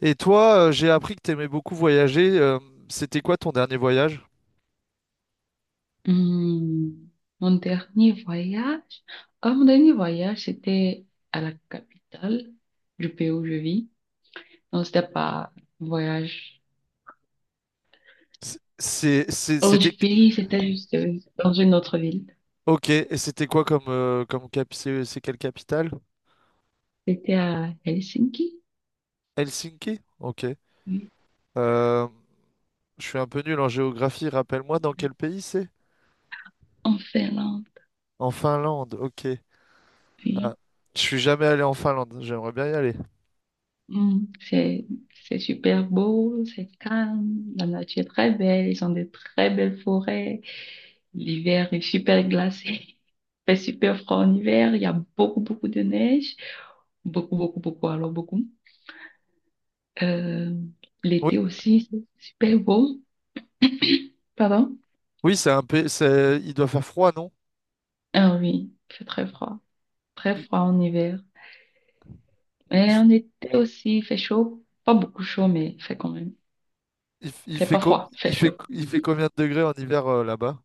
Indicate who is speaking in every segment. Speaker 1: Et toi, j'ai appris que t'aimais beaucoup voyager. C'était quoi ton dernier voyage?
Speaker 2: Hmm, mon dernier voyage, Mon dernier voyage, c'était à la capitale du pays où je vis. Non, c'était pas un voyage
Speaker 1: C'est,
Speaker 2: hors
Speaker 1: c'était...
Speaker 2: du pays, c'était juste dans une autre ville.
Speaker 1: Ok, et c'était quoi comme, comme cap... C'est quelle capitale?
Speaker 2: C'était à Helsinki,
Speaker 1: Helsinki? Ok.
Speaker 2: oui,
Speaker 1: Euh, je suis un peu nul en géographie, rappelle-moi dans quel pays c'est?
Speaker 2: en Finlande,
Speaker 1: En Finlande, ok.
Speaker 2: oui.
Speaker 1: Ah, je suis jamais allé en Finlande, j'aimerais bien y aller.
Speaker 2: Hum, c'est, c'est super beau, c'est calme, la nature est très belle, ils ont de très belles forêts, l'hiver est super glacé, il fait super froid en hiver, il y a beaucoup, beaucoup de neige. Beaucoup, beaucoup, beaucoup, alors beaucoup. Euh,
Speaker 1: Oui,
Speaker 2: L'été aussi, c'est super beau. Pardon?
Speaker 1: oui, c'est un pays, c'est... Il doit faire froid, non?
Speaker 2: Ah oui, il fait très
Speaker 1: Il,
Speaker 2: froid en hiver.
Speaker 1: il
Speaker 2: Mais
Speaker 1: f-
Speaker 2: en été aussi, il fait chaud, pas beaucoup chaud, mais il fait quand même,
Speaker 1: il f-
Speaker 2: il
Speaker 1: il
Speaker 2: fait
Speaker 1: fait
Speaker 2: pas
Speaker 1: co-
Speaker 2: froid, il fait chaud.
Speaker 1: il fait combien de degrés en hiver là-bas?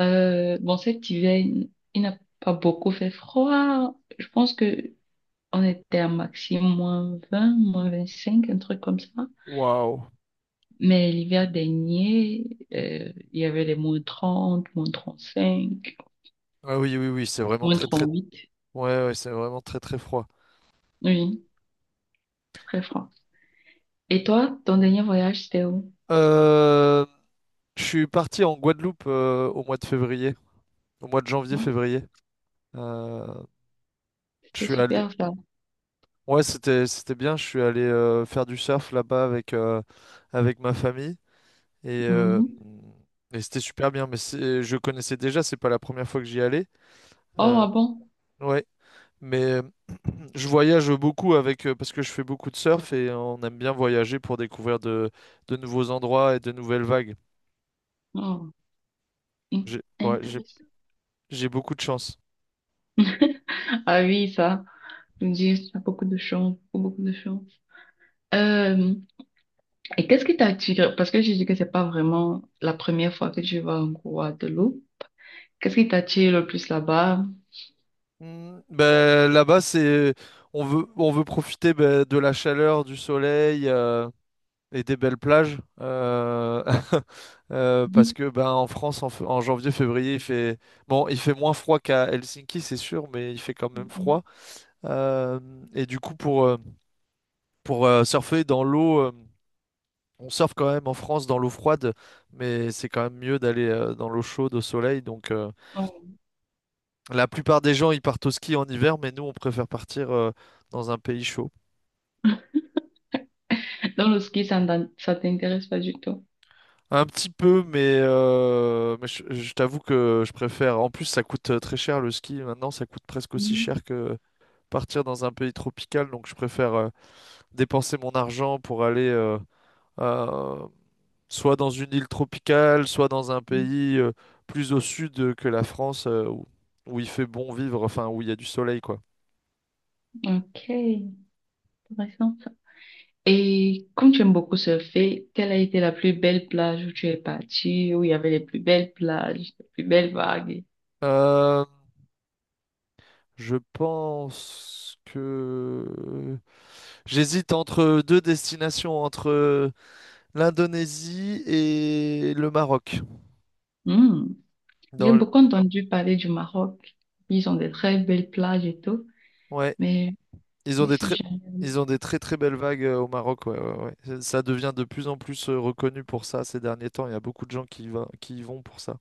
Speaker 2: Bon, cet hiver, il n'a pas beaucoup fait froid. Je pense que on était à maximum -20 -25 un truc comme ça.
Speaker 1: Waouh.
Speaker 2: Mais l'hiver dernier, il y avait les -30 -35
Speaker 1: Ah oui, oui, oui, c'est vraiment
Speaker 2: moins
Speaker 1: très,
Speaker 2: trente
Speaker 1: très.
Speaker 2: huit
Speaker 1: Ouais, ouais, c'est vraiment très très froid.
Speaker 2: Oui, très franc. Et toi, ton dernier voyage, c'était où?
Speaker 1: Euh, je suis parti en Guadeloupe au mois de février, au mois de
Speaker 2: Ouais,
Speaker 1: janvier-février. Euh, je
Speaker 2: c'était
Speaker 1: suis allé,
Speaker 2: super ça.
Speaker 1: ouais, c'était bien. Je suis allé faire du surf là-bas avec avec ma famille et, euh,
Speaker 2: Mhm.
Speaker 1: et c'était super bien. Mais je connaissais déjà, c'est pas la première fois que j'y allais.
Speaker 2: Oh, ah
Speaker 1: Euh,
Speaker 2: bon?
Speaker 1: ouais, mais je voyage beaucoup avec parce que je fais beaucoup de surf et on aime bien voyager pour découvrir de nouveaux endroits et de nouvelles vagues.
Speaker 2: Oh, in-
Speaker 1: J'ai ouais,
Speaker 2: intéressant.
Speaker 1: j'ai beaucoup de chance.
Speaker 2: Ah oui, ça. Je me dis, ça a beaucoup de chance, beaucoup, beaucoup de chance. Euh, et qu'est-ce qui t'a attiré? Parce que je dis que c'est pas vraiment la première fois que tu vas en Guadeloupe. Qu'est-ce qui t'attire le plus là-bas?
Speaker 1: Mm, ben, là-bas, c'est on veut profiter ben, de la chaleur, du soleil et des belles plages parce
Speaker 2: Mhm.
Speaker 1: que ben en France en janvier, février, il fait bon, il fait moins froid qu'à Helsinki, c'est sûr, mais il fait quand même
Speaker 2: Mhm.
Speaker 1: froid. Euh, et du coup, pour surfer dans l'eau, on surfe quand même en France dans l'eau froide, mais c'est quand même mieux d'aller dans l'eau chaude au soleil, donc.
Speaker 2: Oh.
Speaker 1: La plupart des gens, ils partent au ski en hiver, mais nous, on préfère partir dans un pays chaud.
Speaker 2: Dans le ski, ça t'intéresse pas du tout.
Speaker 1: Un petit peu, mais je t'avoue que je préfère. En plus, ça coûte très cher le ski. Maintenant, ça coûte presque aussi
Speaker 2: Mhm.
Speaker 1: cher que partir dans un pays tropical. Donc, je préfère dépenser mon argent pour aller euh, soit dans une île tropicale, soit dans un pays plus au sud que la France, où il fait bon vivre, enfin, où il y a du soleil, quoi.
Speaker 2: Ok, intéressant. Et comme tu aimes beaucoup surfer, quelle a été la plus belle plage où tu es parti, où il y avait les plus belles plages, les plus belles vagues?
Speaker 1: Euh, Je pense que j'hésite entre deux destinations, entre l'Indonésie et le Maroc.
Speaker 2: Hmm.
Speaker 1: Dans
Speaker 2: J'ai
Speaker 1: le-
Speaker 2: beaucoup entendu parler du Maroc. Ils ont des très belles plages et tout,
Speaker 1: Ouais,
Speaker 2: mais
Speaker 1: ils ont des
Speaker 2: ici
Speaker 1: très...
Speaker 2: jamais.
Speaker 1: ils ont des très très belles vagues au Maroc. Ouais, ouais, ouais. Ça devient de plus en plus reconnu pour ça ces derniers temps. Il y a beaucoup de gens qui y vont pour ça.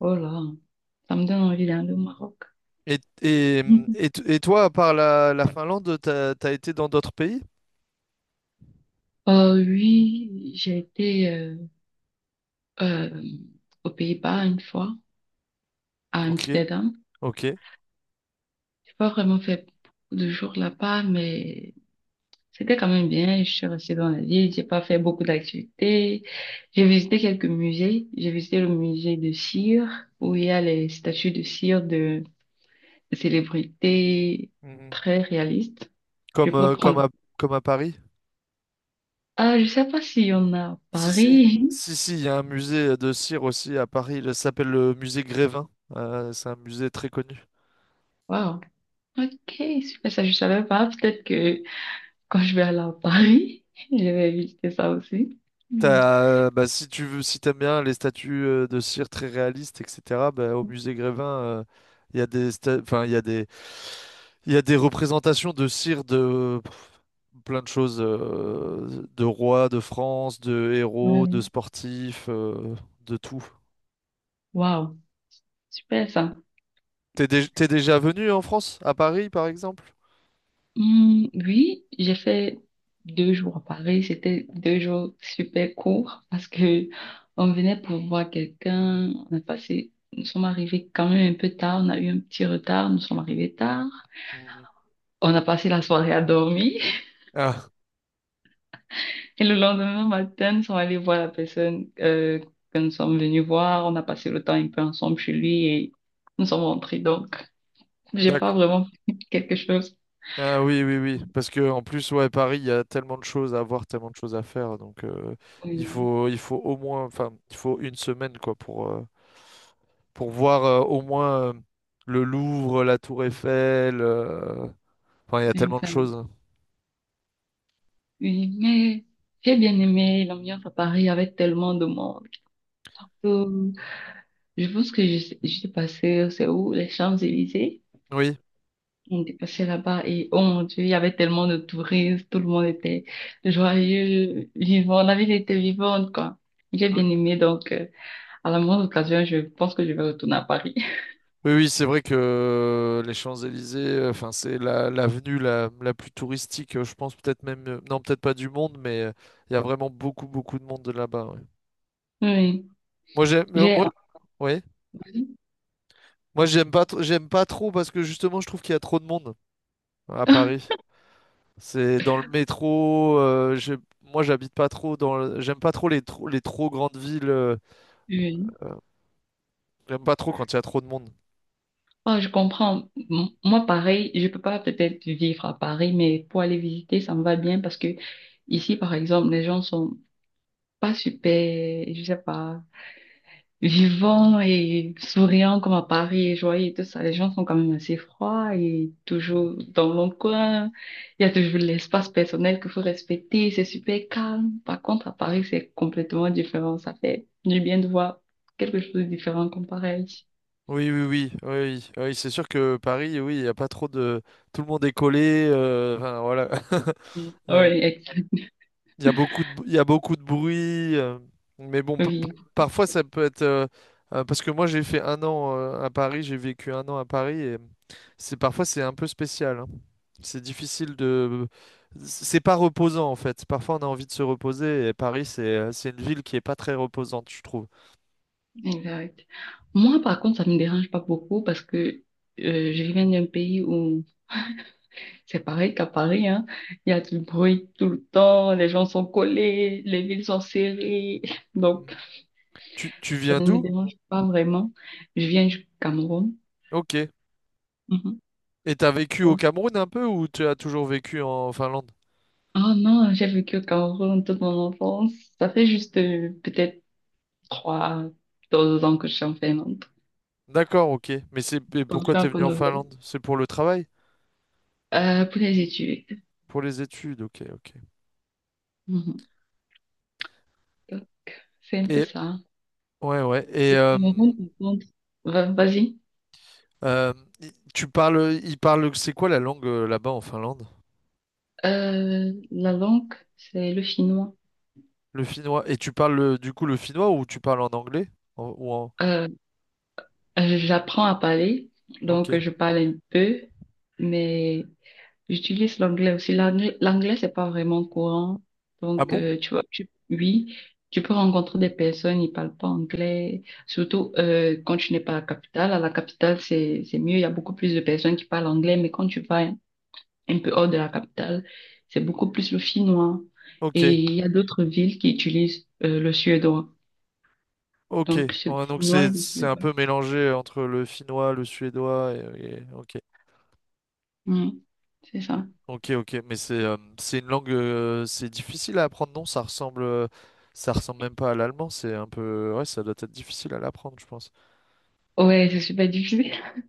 Speaker 2: Oh là, ça me donne envie d'aller au Maroc.
Speaker 1: Et, et toi, à part la Finlande, t'as été dans d'autres pays?
Speaker 2: Oui, j'ai été euh, aux Pays-Bas une fois, à
Speaker 1: Ok,
Speaker 2: Amsterdam.
Speaker 1: ok.
Speaker 2: J'ai pas vraiment fait beaucoup de jours là-bas, mais c'était quand même bien. Je suis restée dans la ville. J'ai pas fait beaucoup d'activités. J'ai visité quelques musées. J'ai visité le musée de cire où il y a les statues de cire de célébrités
Speaker 1: Mhm.
Speaker 2: très réalistes. Je
Speaker 1: Comme,
Speaker 2: pourrais prendre.
Speaker 1: comme à Paris?
Speaker 2: Ah, je sais pas s'il y en a à
Speaker 1: Si, si,
Speaker 2: Paris.
Speaker 1: si, si, il y a un musée de cire aussi à Paris, il s'appelle le musée Grévin. C'est un musée très connu.
Speaker 2: Wow. Ok, super. Ça, je savais pas. Peut-être que quand je vais aller à Paris, je vais visiter ça aussi. Hmm.
Speaker 1: T'as, bah, si tu veux, si t'aimes bien les statues de cire très réalistes, etc., bah, au musée Grévin, il y a des, il y a des représentations de cire de pff, plein de choses, de rois, de France, de héros,
Speaker 2: Ouais.
Speaker 1: de sportifs, de tout.
Speaker 2: Wow. Super ça.
Speaker 1: T'es déjà venu en France, à Paris, par exemple?
Speaker 2: Oui, j'ai fait 2 jours à Paris. C'était 2 jours super courts parce que on venait pour voir quelqu'un. Nous sommes arrivés quand même un peu tard. On a eu un petit retard. Nous sommes arrivés tard.
Speaker 1: Mhm.
Speaker 2: On a passé la soirée à dormir
Speaker 1: Ah,
Speaker 2: et le lendemain matin, nous sommes allés voir la personne que nous sommes venus voir. On a passé le temps un peu ensemble chez lui et nous sommes rentrés. Donc, j'ai pas
Speaker 1: d'accord.
Speaker 2: vraiment quelque chose.
Speaker 1: Ah oui, oui, oui. Parce que en plus, ouais, Paris, il y a tellement de choses à voir, tellement de choses à faire. Donc,
Speaker 2: Oui,
Speaker 1: il faut au moins, enfin, il faut une semaine, quoi, pour voir au moins le Louvre, la Tour Eiffel. Enfin, il y a tellement de choses.
Speaker 2: oui, mais j'ai bien aimé l'ambiance à Paris avec tellement de monde. Euh, je pense que j'étais passée, c'est où? Les Champs-Élysées.
Speaker 1: Oui.
Speaker 2: On était passé là-bas et oh mon Dieu, il y avait tellement de touristes, tout le monde était joyeux, vivant, la ville était vivante, quoi. J'ai
Speaker 1: Oui,
Speaker 2: bien aimé, donc à la moindre occasion, je pense que je vais retourner à Paris.
Speaker 1: oui, oui, c'est vrai que les Champs-Élysées, enfin, c'est l'avenue la plus touristique, je pense, peut-être même, non, peut-être pas du monde, mais il y a vraiment beaucoup, beaucoup de monde de là-bas. Ouais.
Speaker 2: Oui,
Speaker 1: Moi, j'ai, mais
Speaker 2: j'ai...
Speaker 1: moi, oui. Moi, j'aime pas, j'aime pas trop parce que justement, je trouve qu'il y a trop de monde à Paris. C'est dans le métro. Moi, j'habite pas trop dans. J'aime pas trop les trop grandes villes.
Speaker 2: Oui.
Speaker 1: Euh, J'aime pas trop quand il y a trop de monde.
Speaker 2: Oh, je comprends. Moi, pareil, je peux pas peut-être vivre à Paris, mais pour aller visiter, ça me va bien parce que ici, par exemple, les gens sont pas super, je sais pas, vivants et souriants comme à Paris et joyeux et tout ça. Les gens sont quand même assez froids et toujours dans leur coin. Il y a toujours l'espace personnel qu'il faut respecter. C'est super calme. Par contre, à Paris, c'est complètement différent. Ça fait du bien de voir quelque chose de différent comparé à ici.
Speaker 1: Oui, oui, oui, oui, oui. Oui, c'est sûr que Paris, oui, il y a pas trop de. Tout le monde est collé. Euh, enfin, voilà.
Speaker 2: Mm.
Speaker 1: Euh,
Speaker 2: Oui,
Speaker 1: Il y a beaucoup de, il y a beaucoup de bruit. Mais bon,
Speaker 2: oui.
Speaker 1: parfois, ça peut être. Parce que moi, j'ai fait un an à Paris. J'ai vécu un an à Paris et c'est un peu spécial, hein. C'est difficile de. C'est pas reposant en fait. Parfois on a envie de se reposer et Paris c'est une ville qui est pas très reposante, je trouve.
Speaker 2: Exact. Moi, par contre, ça me dérange pas beaucoup parce que je viens d'un pays où c'est pareil qu'à Paris, hein. Il y a du bruit tout le temps, les gens sont collés, les villes sont serrées. Donc,
Speaker 1: Mhm. Tu
Speaker 2: ça
Speaker 1: viens
Speaker 2: ne me
Speaker 1: d'où?
Speaker 2: dérange pas vraiment. Je viens du Cameroun.
Speaker 1: Ok.
Speaker 2: Mhm.
Speaker 1: Et t'as vécu au Cameroun un peu ou tu as toujours vécu en Finlande?
Speaker 2: Ah non, j'ai vécu au Cameroun toute mon enfance. Ça fait juste peut-être trois, 2 ans que je suis en Finlande.
Speaker 1: D'accord, ok. Mais c'est mais
Speaker 2: Donc, je
Speaker 1: pourquoi
Speaker 2: suis
Speaker 1: t'es
Speaker 2: encore
Speaker 1: venu en
Speaker 2: nouvelle.
Speaker 1: Finlande? C'est pour le travail?
Speaker 2: Pour les études.
Speaker 1: Pour les études, ok, ok.
Speaker 2: Mhm. Donc, c'est un peu
Speaker 1: Et
Speaker 2: ça.
Speaker 1: ouais, ouais. Et
Speaker 2: Le Cameroun, par contre, vas-y.
Speaker 1: euh, il parle, c'est quoi la langue là-bas en Finlande?
Speaker 2: La langue, c'est le chinois.
Speaker 1: Le finnois. Et tu parles du coup le finnois ou tu parles en anglais? Ou en...
Speaker 2: Euh, J'apprends à parler,
Speaker 1: Ok.
Speaker 2: donc je parle un peu, mais j'utilise l'anglais aussi. L'anglais, c'est pas vraiment courant.
Speaker 1: Ah
Speaker 2: Donc,
Speaker 1: bon?
Speaker 2: tu vois, oui, tu peux rencontrer des personnes, ils parlent pas anglais, surtout quand tu n'es pas à la capitale. À la capitale, c'est mieux, il y a beaucoup plus de personnes qui parlent anglais, mais quand tu vas un peu hors de la capitale, c'est beaucoup plus le finnois.
Speaker 1: Ok,
Speaker 2: Et il y a d'autres villes qui utilisent le suédois.
Speaker 1: ok.
Speaker 2: Donc, c'est le
Speaker 1: Ouais, donc
Speaker 2: finnois et
Speaker 1: c'est
Speaker 2: le
Speaker 1: c'est un
Speaker 2: suédois.
Speaker 1: peu mélangé entre le finnois, le suédois ok,
Speaker 2: Mm. C'est ça.
Speaker 1: ok, ok. Mais c'est une langue, c'est difficile à apprendre, non? Ça ressemble même pas à l'allemand. C'est un peu, ouais, ça doit être difficile à l'apprendre, je pense.
Speaker 2: Ouais, c'est super difficile.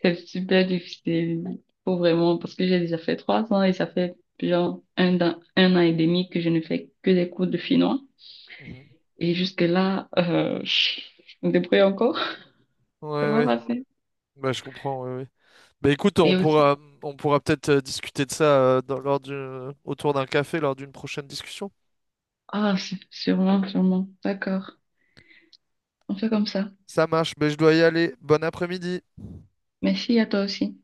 Speaker 2: C'est super difficile. Faut vraiment, parce que j'ai déjà fait 3 ans et ça fait genre 1 an et demi que je ne fais que des cours de finnois.
Speaker 1: Mhm.
Speaker 2: Et jusque-là, je débrouille encore. Ça va
Speaker 1: Ouais,
Speaker 2: passer.
Speaker 1: bah, je comprends, oui, oui. Bah, écoute,
Speaker 2: Et aussi,
Speaker 1: on pourra peut-être discuter de ça lors du, autour d'un café, lors d'une prochaine discussion.
Speaker 2: ah, sûrement, sûrement. D'accord. On fait comme ça.
Speaker 1: Ça marche, mais je dois y aller. Bon après-midi.
Speaker 2: Merci à toi aussi.